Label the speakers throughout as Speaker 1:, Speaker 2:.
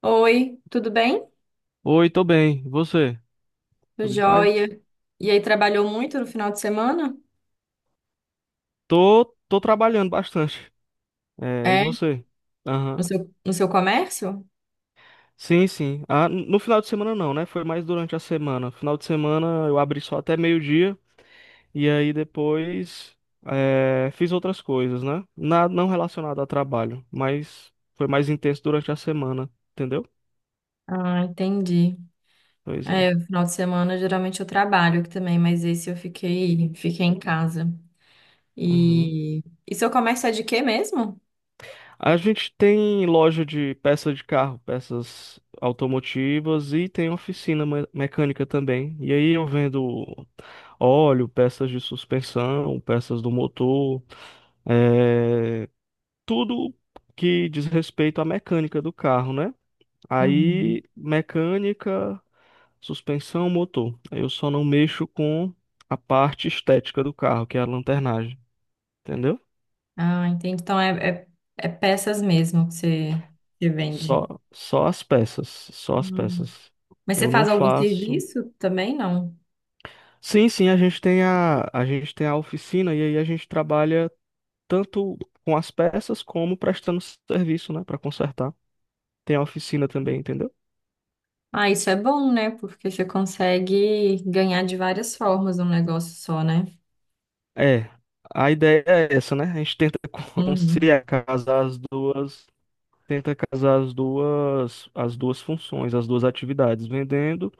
Speaker 1: Oi, tudo bem?
Speaker 2: Oi, tô bem. E você?
Speaker 1: Tô
Speaker 2: Tudo em paz?
Speaker 1: joia. E aí, trabalhou muito no final de semana?
Speaker 2: Tô trabalhando bastante. É, e
Speaker 1: É,
Speaker 2: você? Aham.
Speaker 1: no seu, no seu comércio?
Speaker 2: Sim, sim. Ah, no final de semana não, né? Foi mais durante a semana. Final de semana eu abri só até meio-dia e aí depois fiz outras coisas, né? Nada não relacionado a trabalho, mas foi mais intenso durante a semana, entendeu?
Speaker 1: Ah, entendi.
Speaker 2: Pois é.
Speaker 1: É, no final de semana geralmente eu trabalho aqui também, mas esse eu fiquei, fiquei em casa.
Speaker 2: Uhum.
Speaker 1: E, e seu comércio é de quê mesmo?
Speaker 2: A gente tem loja de peças de carro, peças automotivas e tem oficina mecânica também. E aí eu vendo óleo, peças de suspensão, peças do motor, é, tudo que diz respeito à mecânica do carro, né?
Speaker 1: Uhum.
Speaker 2: Aí mecânica, suspensão, motor. Eu só não mexo com a parte estética do carro, que é a lanternagem, entendeu?
Speaker 1: Ah, entendi. Então é peças mesmo que você, que vende.
Speaker 2: Só, só as peças, só as
Speaker 1: Hum.
Speaker 2: peças.
Speaker 1: Mas você
Speaker 2: Eu não
Speaker 1: faz algum
Speaker 2: faço.
Speaker 1: serviço também, não?
Speaker 2: Sim, sim, a gente tem a oficina e aí a gente trabalha tanto com as peças como prestando serviço, né, para consertar. Tem a oficina também, entendeu?
Speaker 1: Ah, isso é bom, né? Porque você consegue ganhar de várias formas um negócio só, né?
Speaker 2: É, a ideia é essa, né? A gente tenta
Speaker 1: Uhum,
Speaker 2: conciliar, casar as duas, tenta casar as duas funções, as duas atividades, vendendo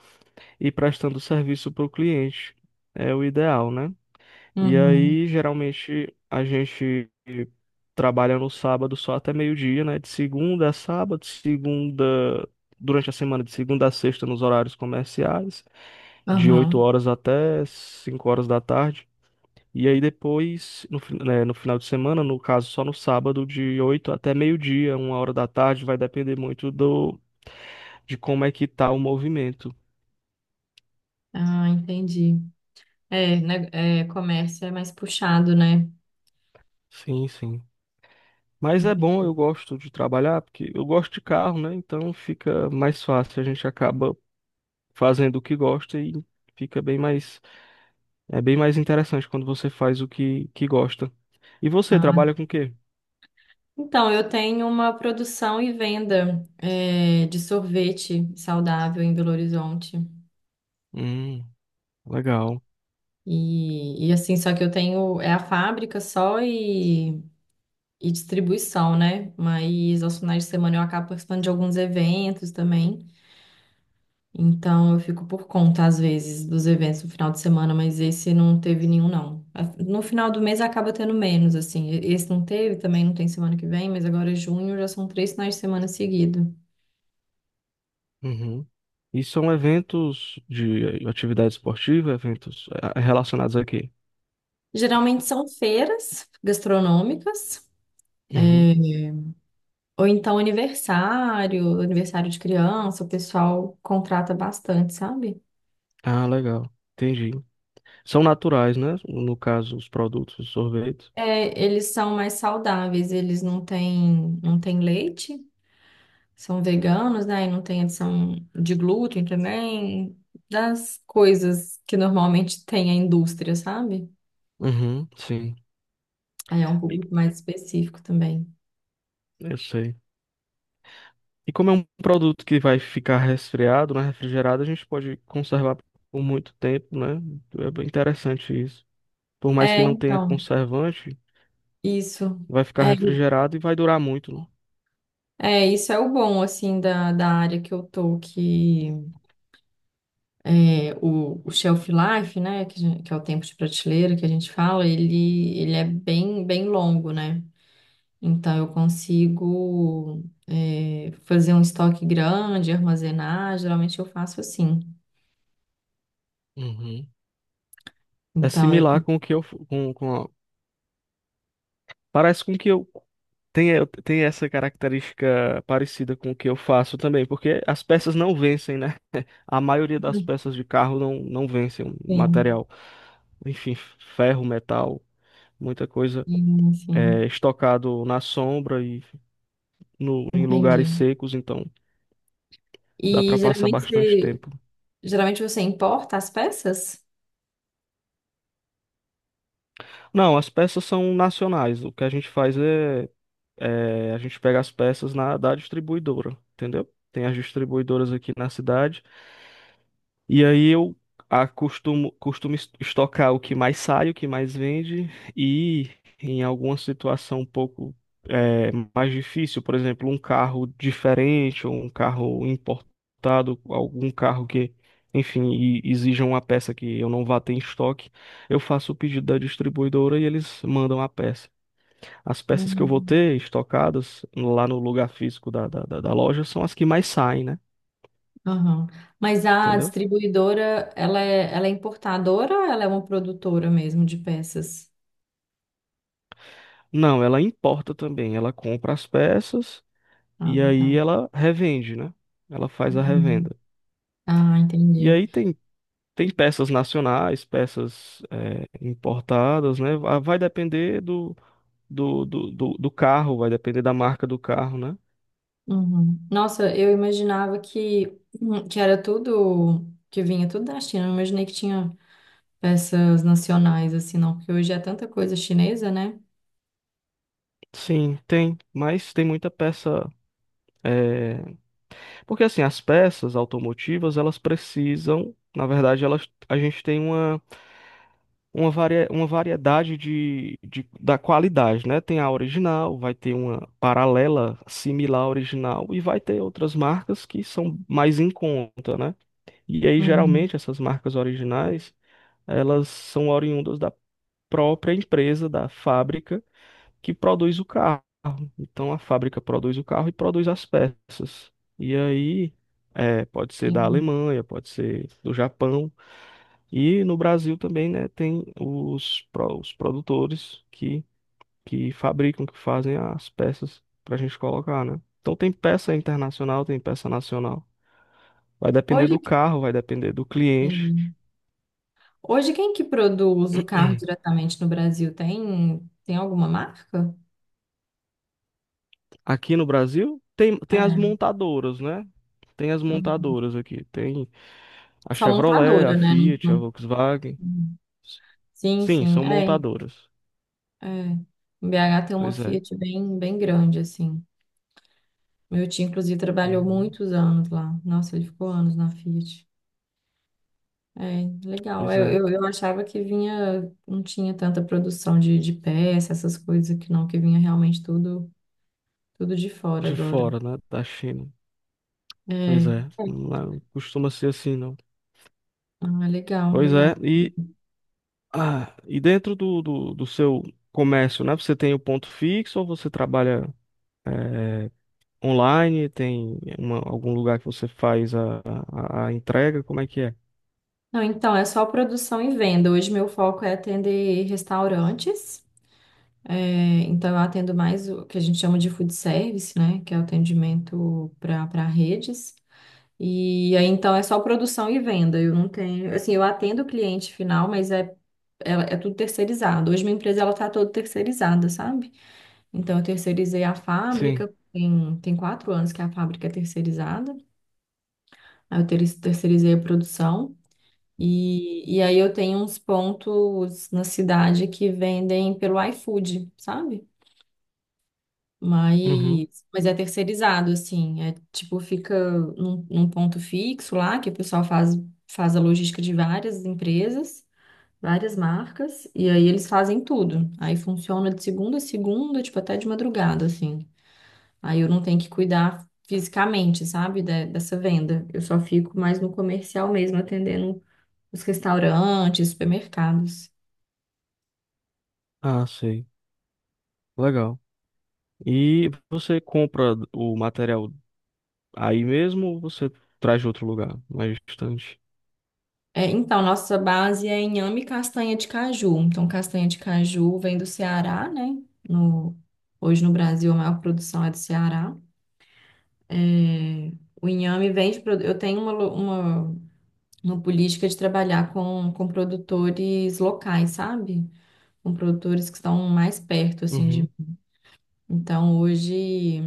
Speaker 2: e prestando serviço para o cliente. É o ideal, né? E
Speaker 1: uhum,
Speaker 2: aí, geralmente, a gente trabalha no sábado só até meio-dia, né? De segunda a sábado, segunda, durante a semana, de segunda a sexta nos horários comerciais, de 8
Speaker 1: uhum.
Speaker 2: horas até 5 horas da tarde. E aí depois, no final de semana, no caso só no sábado, de 8 até meio-dia, uma hora da tarde, vai depender muito de como é que tá o movimento.
Speaker 1: Ah, entendi. É, né, é, comércio é mais puxado, né?
Speaker 2: Sim, sim. Mas é bom, eu gosto de trabalhar, porque eu gosto de carro, né? Então fica mais fácil, a gente acaba fazendo o que gosta e fica bem mais, é bem mais interessante quando você faz o que gosta. E você
Speaker 1: Ah.
Speaker 2: trabalha com o quê?
Speaker 1: Então, eu tenho uma produção e venda, é, de sorvete saudável em Belo Horizonte.
Speaker 2: Hum, legal.
Speaker 1: E assim, só que eu tenho, é a fábrica só e distribuição, né? Mas aos finais de semana eu acabo participando de alguns eventos também. Então eu fico por conta, às vezes, dos eventos no final de semana, mas esse não teve nenhum, não. A- No final do mês acaba tendo menos, assim. E- Esse não teve, também não tem semana que vem, mas agora é junho, já são três finais de semana seguidos.
Speaker 2: Uhum. E são eventos de atividade esportiva, eventos relacionados a quê?
Speaker 1: Geralmente são feiras gastronômicas, é,
Speaker 2: Uhum.
Speaker 1: ou então aniversário, aniversário de criança, o pessoal contrata bastante, sabe?
Speaker 2: Ah, legal. Entendi. São naturais, né? No caso, os produtos, os sorvetes.
Speaker 1: É, eles são mais saudáveis, eles não têm, não têm leite. São veganos, né? E não tem adição de glúten também, das coisas que normalmente tem a indústria, sabe?
Speaker 2: Uhum, sim.
Speaker 1: Aí é um
Speaker 2: E-
Speaker 1: público mais específico também.
Speaker 2: Eu sei. E como é um produto que vai ficar resfriado, né, refrigerado, a gente pode conservar por muito tempo, né? É bem interessante isso. Por mais que
Speaker 1: É,
Speaker 2: não tenha
Speaker 1: então,
Speaker 2: conservante,
Speaker 1: isso.
Speaker 2: vai ficar
Speaker 1: É,
Speaker 2: refrigerado e vai durar muito, né?
Speaker 1: isso é o bom, assim, da, da área que eu tô, que é, o shelf life, né, que, a gen- que é o tempo de prateleira que a gente fala, ele é bem, bem longo, né? Então, eu consigo fazer um estoque grande, armazenar. Geralmente, eu faço assim.
Speaker 2: Uhum. É
Speaker 1: Então, eu.
Speaker 2: similar com o que eu f- com a- parece com que eu tem essa característica parecida com o que eu faço também, porque as peças não vencem, né? A maioria das peças de carro não vencem o
Speaker 1: Sim,
Speaker 2: material. Enfim, ferro, metal, muita coisa
Speaker 1: sim, sim.
Speaker 2: é estocado na sombra e no, em lugares
Speaker 1: Entendi.
Speaker 2: secos, então dá
Speaker 1: E
Speaker 2: para passar bastante tempo.
Speaker 1: geralmente você importa as peças?
Speaker 2: Não, as peças são nacionais. O que a gente faz a gente pega as peças na da distribuidora, entendeu? Tem as distribuidoras aqui na cidade. E aí eu costumo estocar o que mais sai, o que mais vende, e em alguma situação um pouco mais difícil, por exemplo, um carro diferente ou um carro importado, algum carro que, enfim, exija uma peça que eu não vá ter em estoque, eu faço o pedido da distribuidora e eles mandam a peça. As peças que eu vou
Speaker 1: Hum.
Speaker 2: ter estocadas lá no lugar físico da loja são as que mais saem, né?
Speaker 1: Aham. Mas a
Speaker 2: Entendeu?
Speaker 1: distribuidora, ela é importadora ou ela é uma produtora mesmo de peças?
Speaker 2: Não, ela importa também. Ela compra as peças
Speaker 1: Ah,
Speaker 2: e aí
Speaker 1: tá.
Speaker 2: ela revende, né? Ela faz a
Speaker 1: Uhum.
Speaker 2: revenda.
Speaker 1: Ah,
Speaker 2: E
Speaker 1: entendi.
Speaker 2: aí tem peças nacionais, peças importadas, né? Vai depender do carro, vai depender da marca do carro, né?
Speaker 1: Uhum. Nossa, eu imaginava que era tudo, que vinha tudo da China. Eu não imaginei que tinha peças nacionais assim, não, porque hoje é tanta coisa chinesa, né?
Speaker 2: Sim, tem, mas tem muita peça. eh, Porque assim, as peças automotivas, elas precisam, na verdade, elas, a gente tem uma. Uma variedade da qualidade, né? Tem a original, vai ter uma paralela similar à original e vai ter outras marcas que são mais em conta, né? E aí,
Speaker 1: Uhum.
Speaker 2: geralmente, essas marcas originais, elas são oriundas da própria empresa, da fábrica que produz o carro. Então, a fábrica produz o carro e produz as peças. E aí, pode ser da
Speaker 1: Entendi.
Speaker 2: Alemanha, pode ser do Japão. E no Brasil também, né, tem os produtores que fabricam, que fazem as peças para a gente colocar, né? Então tem peça internacional, tem peça nacional. Vai depender
Speaker 1: Hoje,
Speaker 2: do
Speaker 1: que-
Speaker 2: carro, vai depender do cliente.
Speaker 1: entendi. Hoje quem que produz o carro diretamente no Brasil? Tem, tem alguma marca?
Speaker 2: Aqui no Brasil tem as
Speaker 1: É.
Speaker 2: montadoras, né? Tem as
Speaker 1: Uhum.
Speaker 2: montadoras aqui. Tem a
Speaker 1: Só
Speaker 2: Chevrolet, a
Speaker 1: montadora, né? Não-
Speaker 2: Fiat, a
Speaker 1: não-
Speaker 2: Volkswagen.
Speaker 1: uhum. Sim,
Speaker 2: Sim,
Speaker 1: sim.
Speaker 2: são
Speaker 1: É,
Speaker 2: montadoras.
Speaker 1: é. Em BH tem uma
Speaker 2: Pois é.
Speaker 1: Fiat bem, bem grande, assim. Meu tio, inclusive, trabalhou
Speaker 2: Uhum.
Speaker 1: muitos anos lá. Nossa, ele ficou anos na Fiat. É, legal.
Speaker 2: Pois é.
Speaker 1: Eu achava que vinha, não tinha tanta produção de peça, essas coisas que não, que vinha realmente tudo, tudo de fora
Speaker 2: De
Speaker 1: agora.
Speaker 2: fora, né? Da China. Pois
Speaker 1: É,
Speaker 2: é, não costuma ser assim, não.
Speaker 1: ah, legal,
Speaker 2: Pois
Speaker 1: legal.
Speaker 2: é, e dentro do seu comércio, né? Você tem o ponto fixo ou você trabalha eh, online? Tem algum lugar que você faz a entrega? Como é que é?
Speaker 1: Não, então, é só produção e venda. Hoje meu foco é atender restaurantes. É, então, eu atendo mais o que a gente chama de food service, né? Que é o atendimento para para redes. E aí, então, é só produção e venda. Eu não tenho, assim, eu atendo o cliente final, mas é, é tudo terceirizado. Hoje minha empresa ela tá toda terceirizada, sabe? Então, eu terceirizei a
Speaker 2: Sim.
Speaker 1: fábrica, tem, tem 4 anos que a fábrica é terceirizada. Aí eu ter- terceirizei a produção. E aí eu tenho uns pontos na cidade que vendem pelo iFood, sabe?
Speaker 2: Uhum.
Speaker 1: Mas é terceirizado, assim. É tipo, fica num, num ponto fixo lá, que o pessoal faz, faz a logística de várias empresas, várias marcas, e aí eles fazem tudo. Aí funciona de segunda a segunda, tipo, até de madrugada, assim. Aí eu não tenho que cuidar fisicamente, sabe, de- dessa venda. Eu só fico mais no comercial mesmo, atendendo os restaurantes, supermercados.
Speaker 2: Ah, sei. Legal. E você compra o material aí mesmo ou você traz de outro lugar, mais distante?
Speaker 1: É, então, nossa base é inhame e castanha de caju. Então, castanha de caju vem do Ceará, né? No, hoje no Brasil a maior produção é do Ceará. É, o inhame vem de... produ- Eu tenho uma, lo- uma política de trabalhar com produtores locais, sabe? Com produtores que estão mais perto, assim, de...
Speaker 2: Uhum.
Speaker 1: Então, hoje...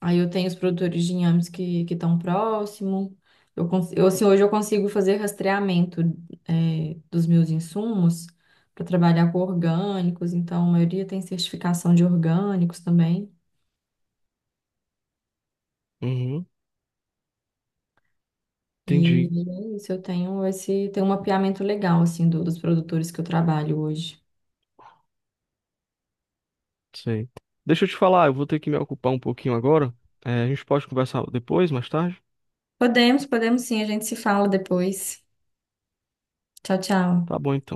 Speaker 1: Aí eu tenho os produtores de inhames que estão próximo. Eu, cons- eu, assim, hoje eu consigo fazer rastreamento é, dos meus insumos para trabalhar com orgânicos, então a maioria tem certificação de orgânicos também.
Speaker 2: Uhum.
Speaker 1: E
Speaker 2: Entendi.
Speaker 1: é isso, eu tenho esse, tenho um mapeamento legal assim do- dos produtores que eu trabalho hoje.
Speaker 2: Sei. Deixa eu te falar, eu vou ter que me ocupar um pouquinho agora. É, a gente pode conversar depois, mais tarde?
Speaker 1: Podemos, podemos sim, a gente se fala depois. Tchau, tchau.
Speaker 2: Tá bom, então.